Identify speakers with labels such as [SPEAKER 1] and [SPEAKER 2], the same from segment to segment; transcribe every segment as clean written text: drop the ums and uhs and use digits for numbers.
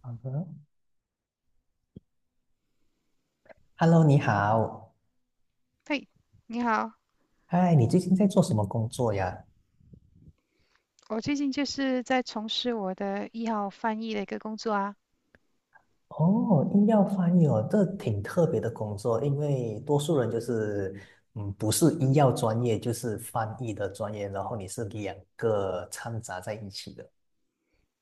[SPEAKER 1] 好的，Hello，你好，
[SPEAKER 2] 嘿，你好。
[SPEAKER 1] 嗨，你最近在做什么工作呀？
[SPEAKER 2] 我最近就是在从事我的医药翻译的一个工作啊。
[SPEAKER 1] 哦，医药翻译哦，这挺特别的工作，因为多数人就是，嗯，不是医药专业，就是翻译的专业，然后你是两个掺杂在一起的。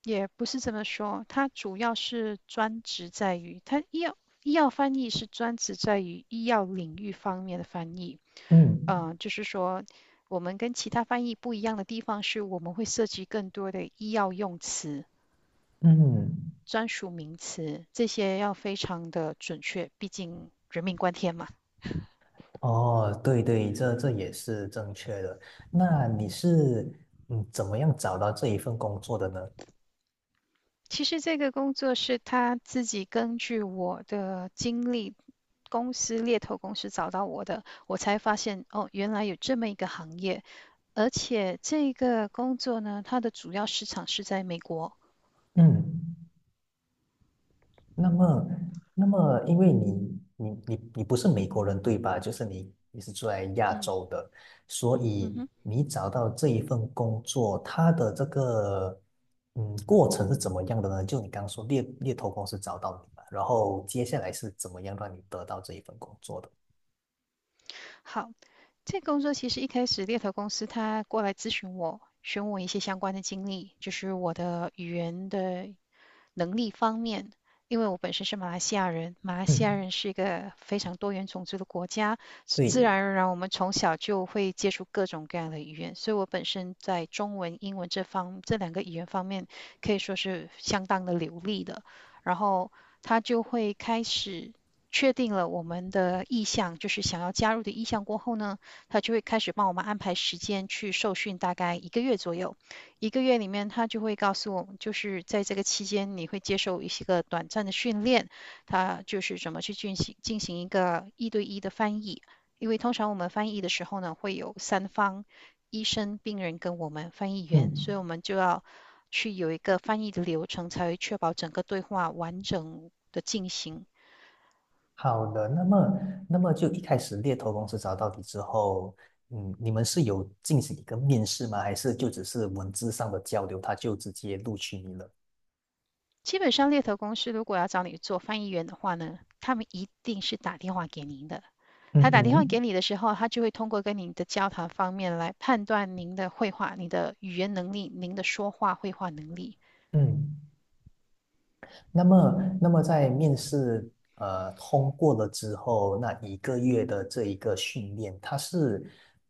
[SPEAKER 2] 也不是这么说，它主要是专职在于它医药医药翻译是专职在于医药领域方面的翻译。
[SPEAKER 1] 嗯
[SPEAKER 2] 就是说我们跟其他翻译不一样的地方是我们会涉及更多的医药用词、
[SPEAKER 1] 嗯，
[SPEAKER 2] 专属名词，这些要非常的准确，毕竟人命关天嘛。
[SPEAKER 1] 哦，对对，这也是正确的。那你是怎么样找到这一份工作的呢？
[SPEAKER 2] 其实这个工作是他自己根据我的经历公司猎头公司找到我的，我才发现哦，原来有这么一个行业，而且这个工作呢，它的主要市场是在美国。
[SPEAKER 1] 嗯那么，那么，因为你不是美国人对吧？就是你是住在亚洲的，所
[SPEAKER 2] 嗯
[SPEAKER 1] 以
[SPEAKER 2] 哼。
[SPEAKER 1] 你找到这一份工作，它的这个过程是怎么样的呢？就你刚刚说猎头公司找到你嘛，然后接下来是怎么样让你得到这一份工作的？
[SPEAKER 2] 好，这个工作其实一开始猎头公司他过来咨询我，询问我一些相关的经历，就是我的语言的能力方面。因为我本身是马来西亚人，马来西亚
[SPEAKER 1] 嗯，
[SPEAKER 2] 人是一个非常多元种族的国家，自
[SPEAKER 1] 对，
[SPEAKER 2] 然而然我们从小就会接触各种各样的语言，所以我本身在中文、英文这两个语言方面可以说是相当的流利的。然后他就会开始确定了我们的意向，就是想要加入的意向过后呢，他就会开始帮我们安排时间去受训，大概一个月左右。一个月里面，他就会告诉我们，就是在这个期间，你会接受一些个短暂的训练，他就是怎么去进行一个一对一的翻译。因为通常我们翻译的时候呢，会有三方，医生、病人跟我们翻译员，所
[SPEAKER 1] 嗯
[SPEAKER 2] 以我们就要去有一个翻译的流程，才会确保整个对话完整的进行。
[SPEAKER 1] 好的，那么，那么就一开始猎头公司找到你之后，嗯，你们是有进行一个面试吗？还是就只是文字上的交流，他就直接录取你了？
[SPEAKER 2] 基本上，猎头公司如果要找你做翻译员的话呢，他们一定是打电话给您的。他
[SPEAKER 1] 嗯
[SPEAKER 2] 打电话
[SPEAKER 1] 哼，
[SPEAKER 2] 给你的时候，他就会通过跟你的交谈方面来判断您的绘画、您的语言能力、您的说话绘画能力。
[SPEAKER 1] 嗯，那么，那么在面试通过了之后，那一个月的这一个训练，它是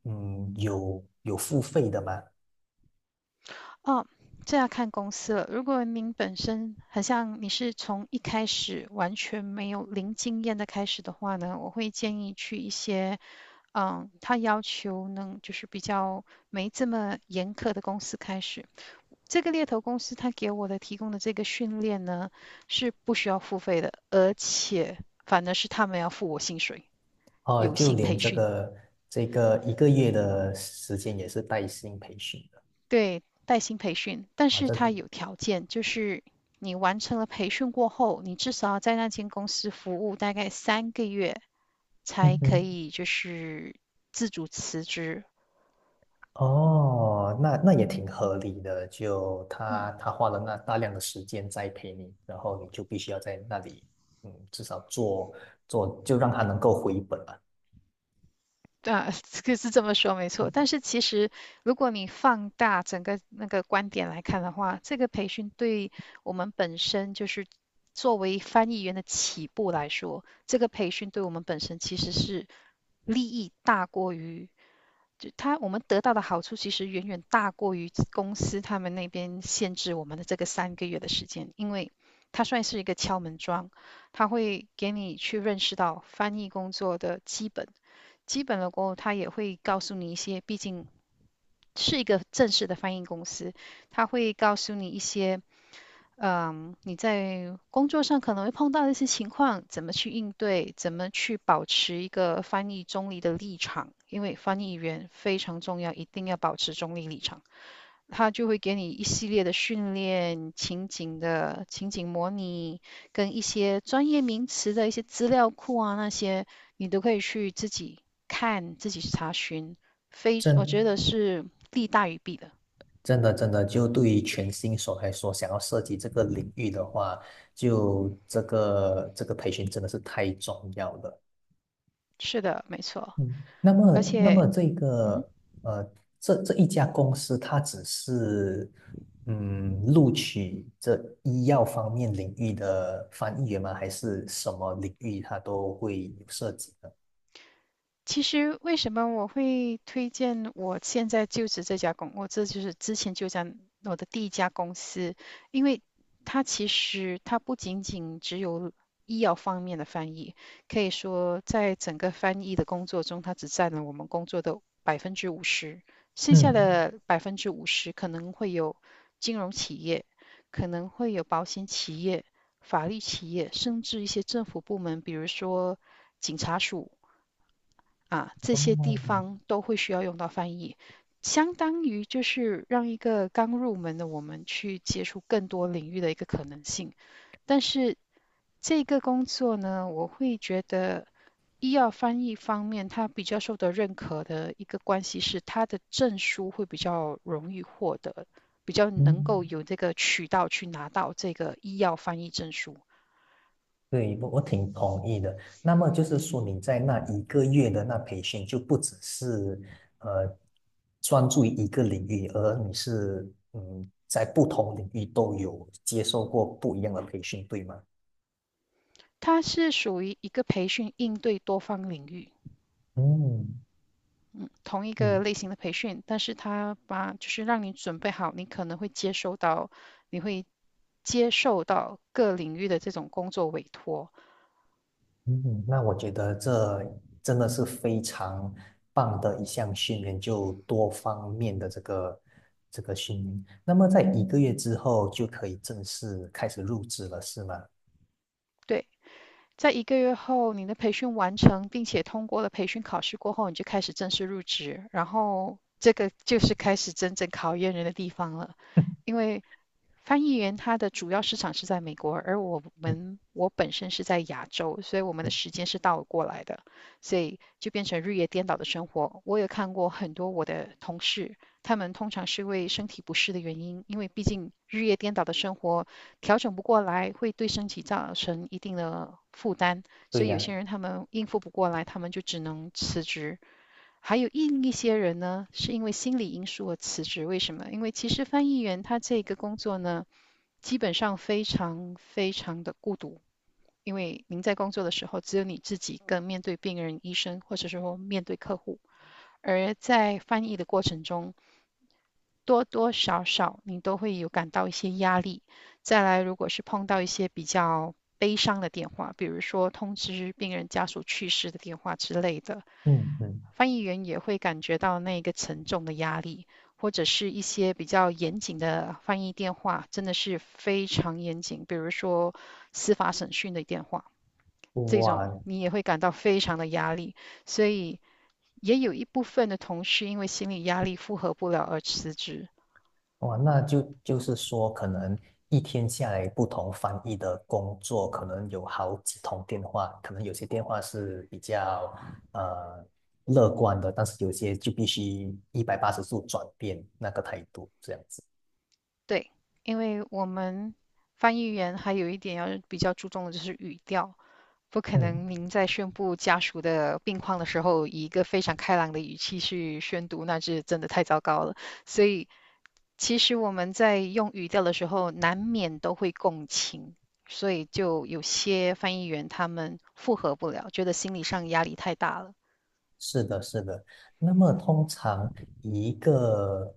[SPEAKER 1] 有付费的吗？
[SPEAKER 2] 哦，这要看公司了。如果您本身很像你是从一开始完全没有零经验的开始的话呢，我会建议去一些他要求能就是比较没这么严苛的公司开始。这个猎头公司他给我的提供的这个训练呢，是不需要付费的，而且反而是他们要付我薪水，
[SPEAKER 1] 哦，
[SPEAKER 2] 有
[SPEAKER 1] 就
[SPEAKER 2] 薪
[SPEAKER 1] 连
[SPEAKER 2] 培
[SPEAKER 1] 这
[SPEAKER 2] 训。
[SPEAKER 1] 个这个一个月的时间也是带薪培训的
[SPEAKER 2] 对，带薪培训，但
[SPEAKER 1] 啊，
[SPEAKER 2] 是
[SPEAKER 1] 这
[SPEAKER 2] 它有条件，就是你完成了培训过后，你至少要在那间公司服务大概三个月，才
[SPEAKER 1] 嗯
[SPEAKER 2] 可
[SPEAKER 1] 哼。
[SPEAKER 2] 以就是自主辞职。
[SPEAKER 1] 哦，那那也挺合理的，就他
[SPEAKER 2] 嗯。
[SPEAKER 1] 他花了那大量的时间栽培你，然后你就必须要在那里，嗯，至少做做，就让他能够回本吧。
[SPEAKER 2] 啊，可是这么说没错，但是其实如果你放大整个那个观点来看的话，这个培训对我们本身就是作为翻译员的起步来说，这个培训对我们本身其实是利益大过于，就他我们得到的好处其实远远大过于公司他们那边限制我们的这个三个月的时间，因为它算是一个敲门砖，它会给你去认识到翻译工作的基本。基本的过后，他也会告诉你一些，毕竟是一个正式的翻译公司，他会告诉你一些，你在工作上可能会碰到的一些情况，怎么去应对，怎么去保持一个翻译中立的立场，因为翻译员非常重要，一定要保持中立立场。它就会给你一系列的训练、情景的情景模拟，跟一些专业名词的一些资料库啊，那些你都可以去自己看、自己去查询。非，我
[SPEAKER 1] 真
[SPEAKER 2] 觉得是利大于弊的。
[SPEAKER 1] 真的真的，就对于全新手来说，想要涉及这个领域的话，就这个这个培训真的是太重要了。
[SPEAKER 2] 是的，没错。
[SPEAKER 1] 嗯，那么，
[SPEAKER 2] 而
[SPEAKER 1] 那
[SPEAKER 2] 且
[SPEAKER 1] 么这个呃，这这一家公司，它只是录取这医药方面领域的翻译员吗？还是什么领域它都会有涉及的？
[SPEAKER 2] 其实为什么我会推荐我现在就职这家公，我这就是之前就讲我的第一家公司。因为它其实它不仅仅只有医药方面的翻译，可以说在整个翻译的工作中，它只占了我们工作的百分之五十，剩下
[SPEAKER 1] 嗯，
[SPEAKER 2] 的百分之五十可能会有金融企业，可能会有保险企业、法律企业，甚至一些政府部门，比如说警察署。啊，这些地
[SPEAKER 1] 哦，
[SPEAKER 2] 方都会需要用到翻译，相当于就是让一个刚入门的我们去接触更多领域的一个可能性。但是这个工作呢，我会觉得医药翻译方面，它比较受到认可的一个关系是，它的证书会比较容易获得，比较能
[SPEAKER 1] 嗯，
[SPEAKER 2] 够有这个渠道去拿到这个医药翻译证书。
[SPEAKER 1] 对，我挺同意的。那么就是说，你在那一个月的那培训，就不只是呃专注于一个领域，而你是在不同领域都有接受过不一样的培训，对吗？
[SPEAKER 2] 它是属于一个培训应对多方领域。
[SPEAKER 1] 嗯
[SPEAKER 2] 同一个
[SPEAKER 1] 嗯
[SPEAKER 2] 类型的培训，但是他把就是让你准备好，你可能会接收到，你会接受到各领域的这种工作委托。
[SPEAKER 1] 嗯，那我觉得这真的是非常棒的一项训练，就多方面的这个这个训练。那么在一个月之后就可以正式开始入职了，是吗？
[SPEAKER 2] 对，在一个月后，你的培训完成，并且通过了培训考试过后，你就开始正式入职，然后这个就是开始真正考验人的地方了。因为翻译员他的主要市场是在美国，而我
[SPEAKER 1] 嗯，
[SPEAKER 2] 们我本身是在亚洲，所以我们的时间是倒过来的，所以就变成日夜颠倒的生活。我也看过很多我的同事，他们通常是因为身体不适的原因，因为毕竟日夜颠倒的生活调整不过来，会对身体造成一定的负担，
[SPEAKER 1] 对
[SPEAKER 2] 所以有
[SPEAKER 1] 呀。
[SPEAKER 2] 些人他们应付不过来，他们就只能辞职。还有一些人呢，是因为心理因素而辞职。为什么？因为其实翻译员他这个工作呢。基本上非常非常的孤独，因为您在工作的时候只有你自己跟面对病人、医生，或者是说面对客户；而在翻译的过程中，多多少少你都会有感到一些压力。再来，如果是碰到一些比较悲伤的电话，比如说通知病人家属去世的电话之类的，
[SPEAKER 1] 嗯嗯。
[SPEAKER 2] 翻译员也会感觉到那个沉重的压力，或者是一些比较严谨的翻译电话，真的是非常严谨，比如说司法审讯的电话，这种
[SPEAKER 1] 哇
[SPEAKER 2] 你也会感到非常的压力，所以也有一部分的同事因为心理压力负荷不了而辞职。
[SPEAKER 1] 哇，那就是说，可能一天下来，不同翻译的工作，可能有好几通电话，可能有些电话是比较呃乐观的，但是有些就必须180度转变那个态度，这样子。
[SPEAKER 2] 对，因为我们翻译员还有一点要比较注重的就是语调。不可
[SPEAKER 1] 嗯，
[SPEAKER 2] 能，您在宣布家属的病况的时候，以一个非常开朗的语气去宣读，那是真的太糟糕了。所以，其实我们在用语调的时候，难免都会共情，所以就有些翻译员他们复合不了，觉得心理上压力太大了。
[SPEAKER 1] 是的，是的。那么通常一个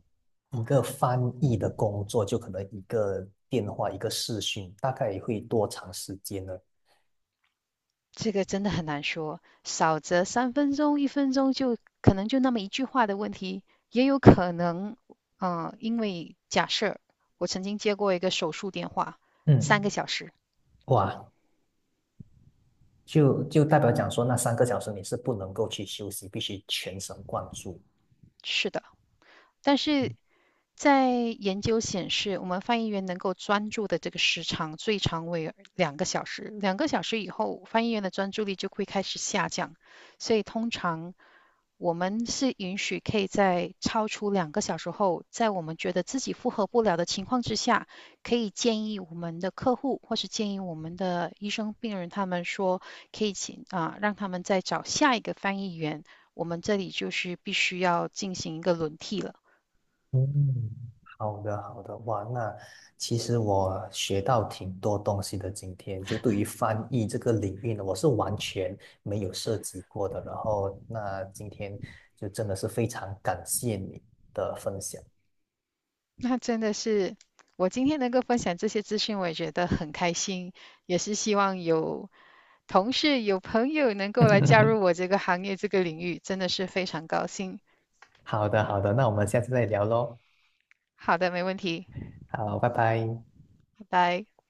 [SPEAKER 1] 一个翻译的工作，就可能一个电话，一个视讯，大概会多长时间呢？
[SPEAKER 2] 这个真的很难说，少则3分钟、1分钟就可能就那么一句话的问题，也有可能，因为假设我曾经接过一个手术电话，
[SPEAKER 1] 嗯。
[SPEAKER 2] 3个小时。
[SPEAKER 1] 哇，就代表讲说，那3个小时你是不能够去休息，必须全神贯注。
[SPEAKER 2] 是的，但是在研究显示，我们翻译员能够专注的这个时长最长为两个小时，两个小时以后，翻译员的专注力就会开始下降，所以通常我们是允许可以在超出两个小时后，在我们觉得自己负荷不了的情况之下，可以建议我们的客户或是建议我们的医生、病人，他们说可以请让他们再找下一个翻译员。我们这里就是必须要进行一个轮替了。
[SPEAKER 1] 嗯，好的，好的，哇，那其实我学到挺多东西的。今天就对于翻译这个领域呢，我是完全没有涉及过的。然后，那今天就真的是非常感谢你的分享。
[SPEAKER 2] 那真的是，我今天能够分享这些资讯，我也觉得很开心，也是希望有同事、有朋友能够来加入我 这个行业、这个领域，真的是非常高兴。
[SPEAKER 1] 好的，好的，那我们下次再聊喽。
[SPEAKER 2] 好的，没问题，
[SPEAKER 1] 好，拜拜。
[SPEAKER 2] 拜拜。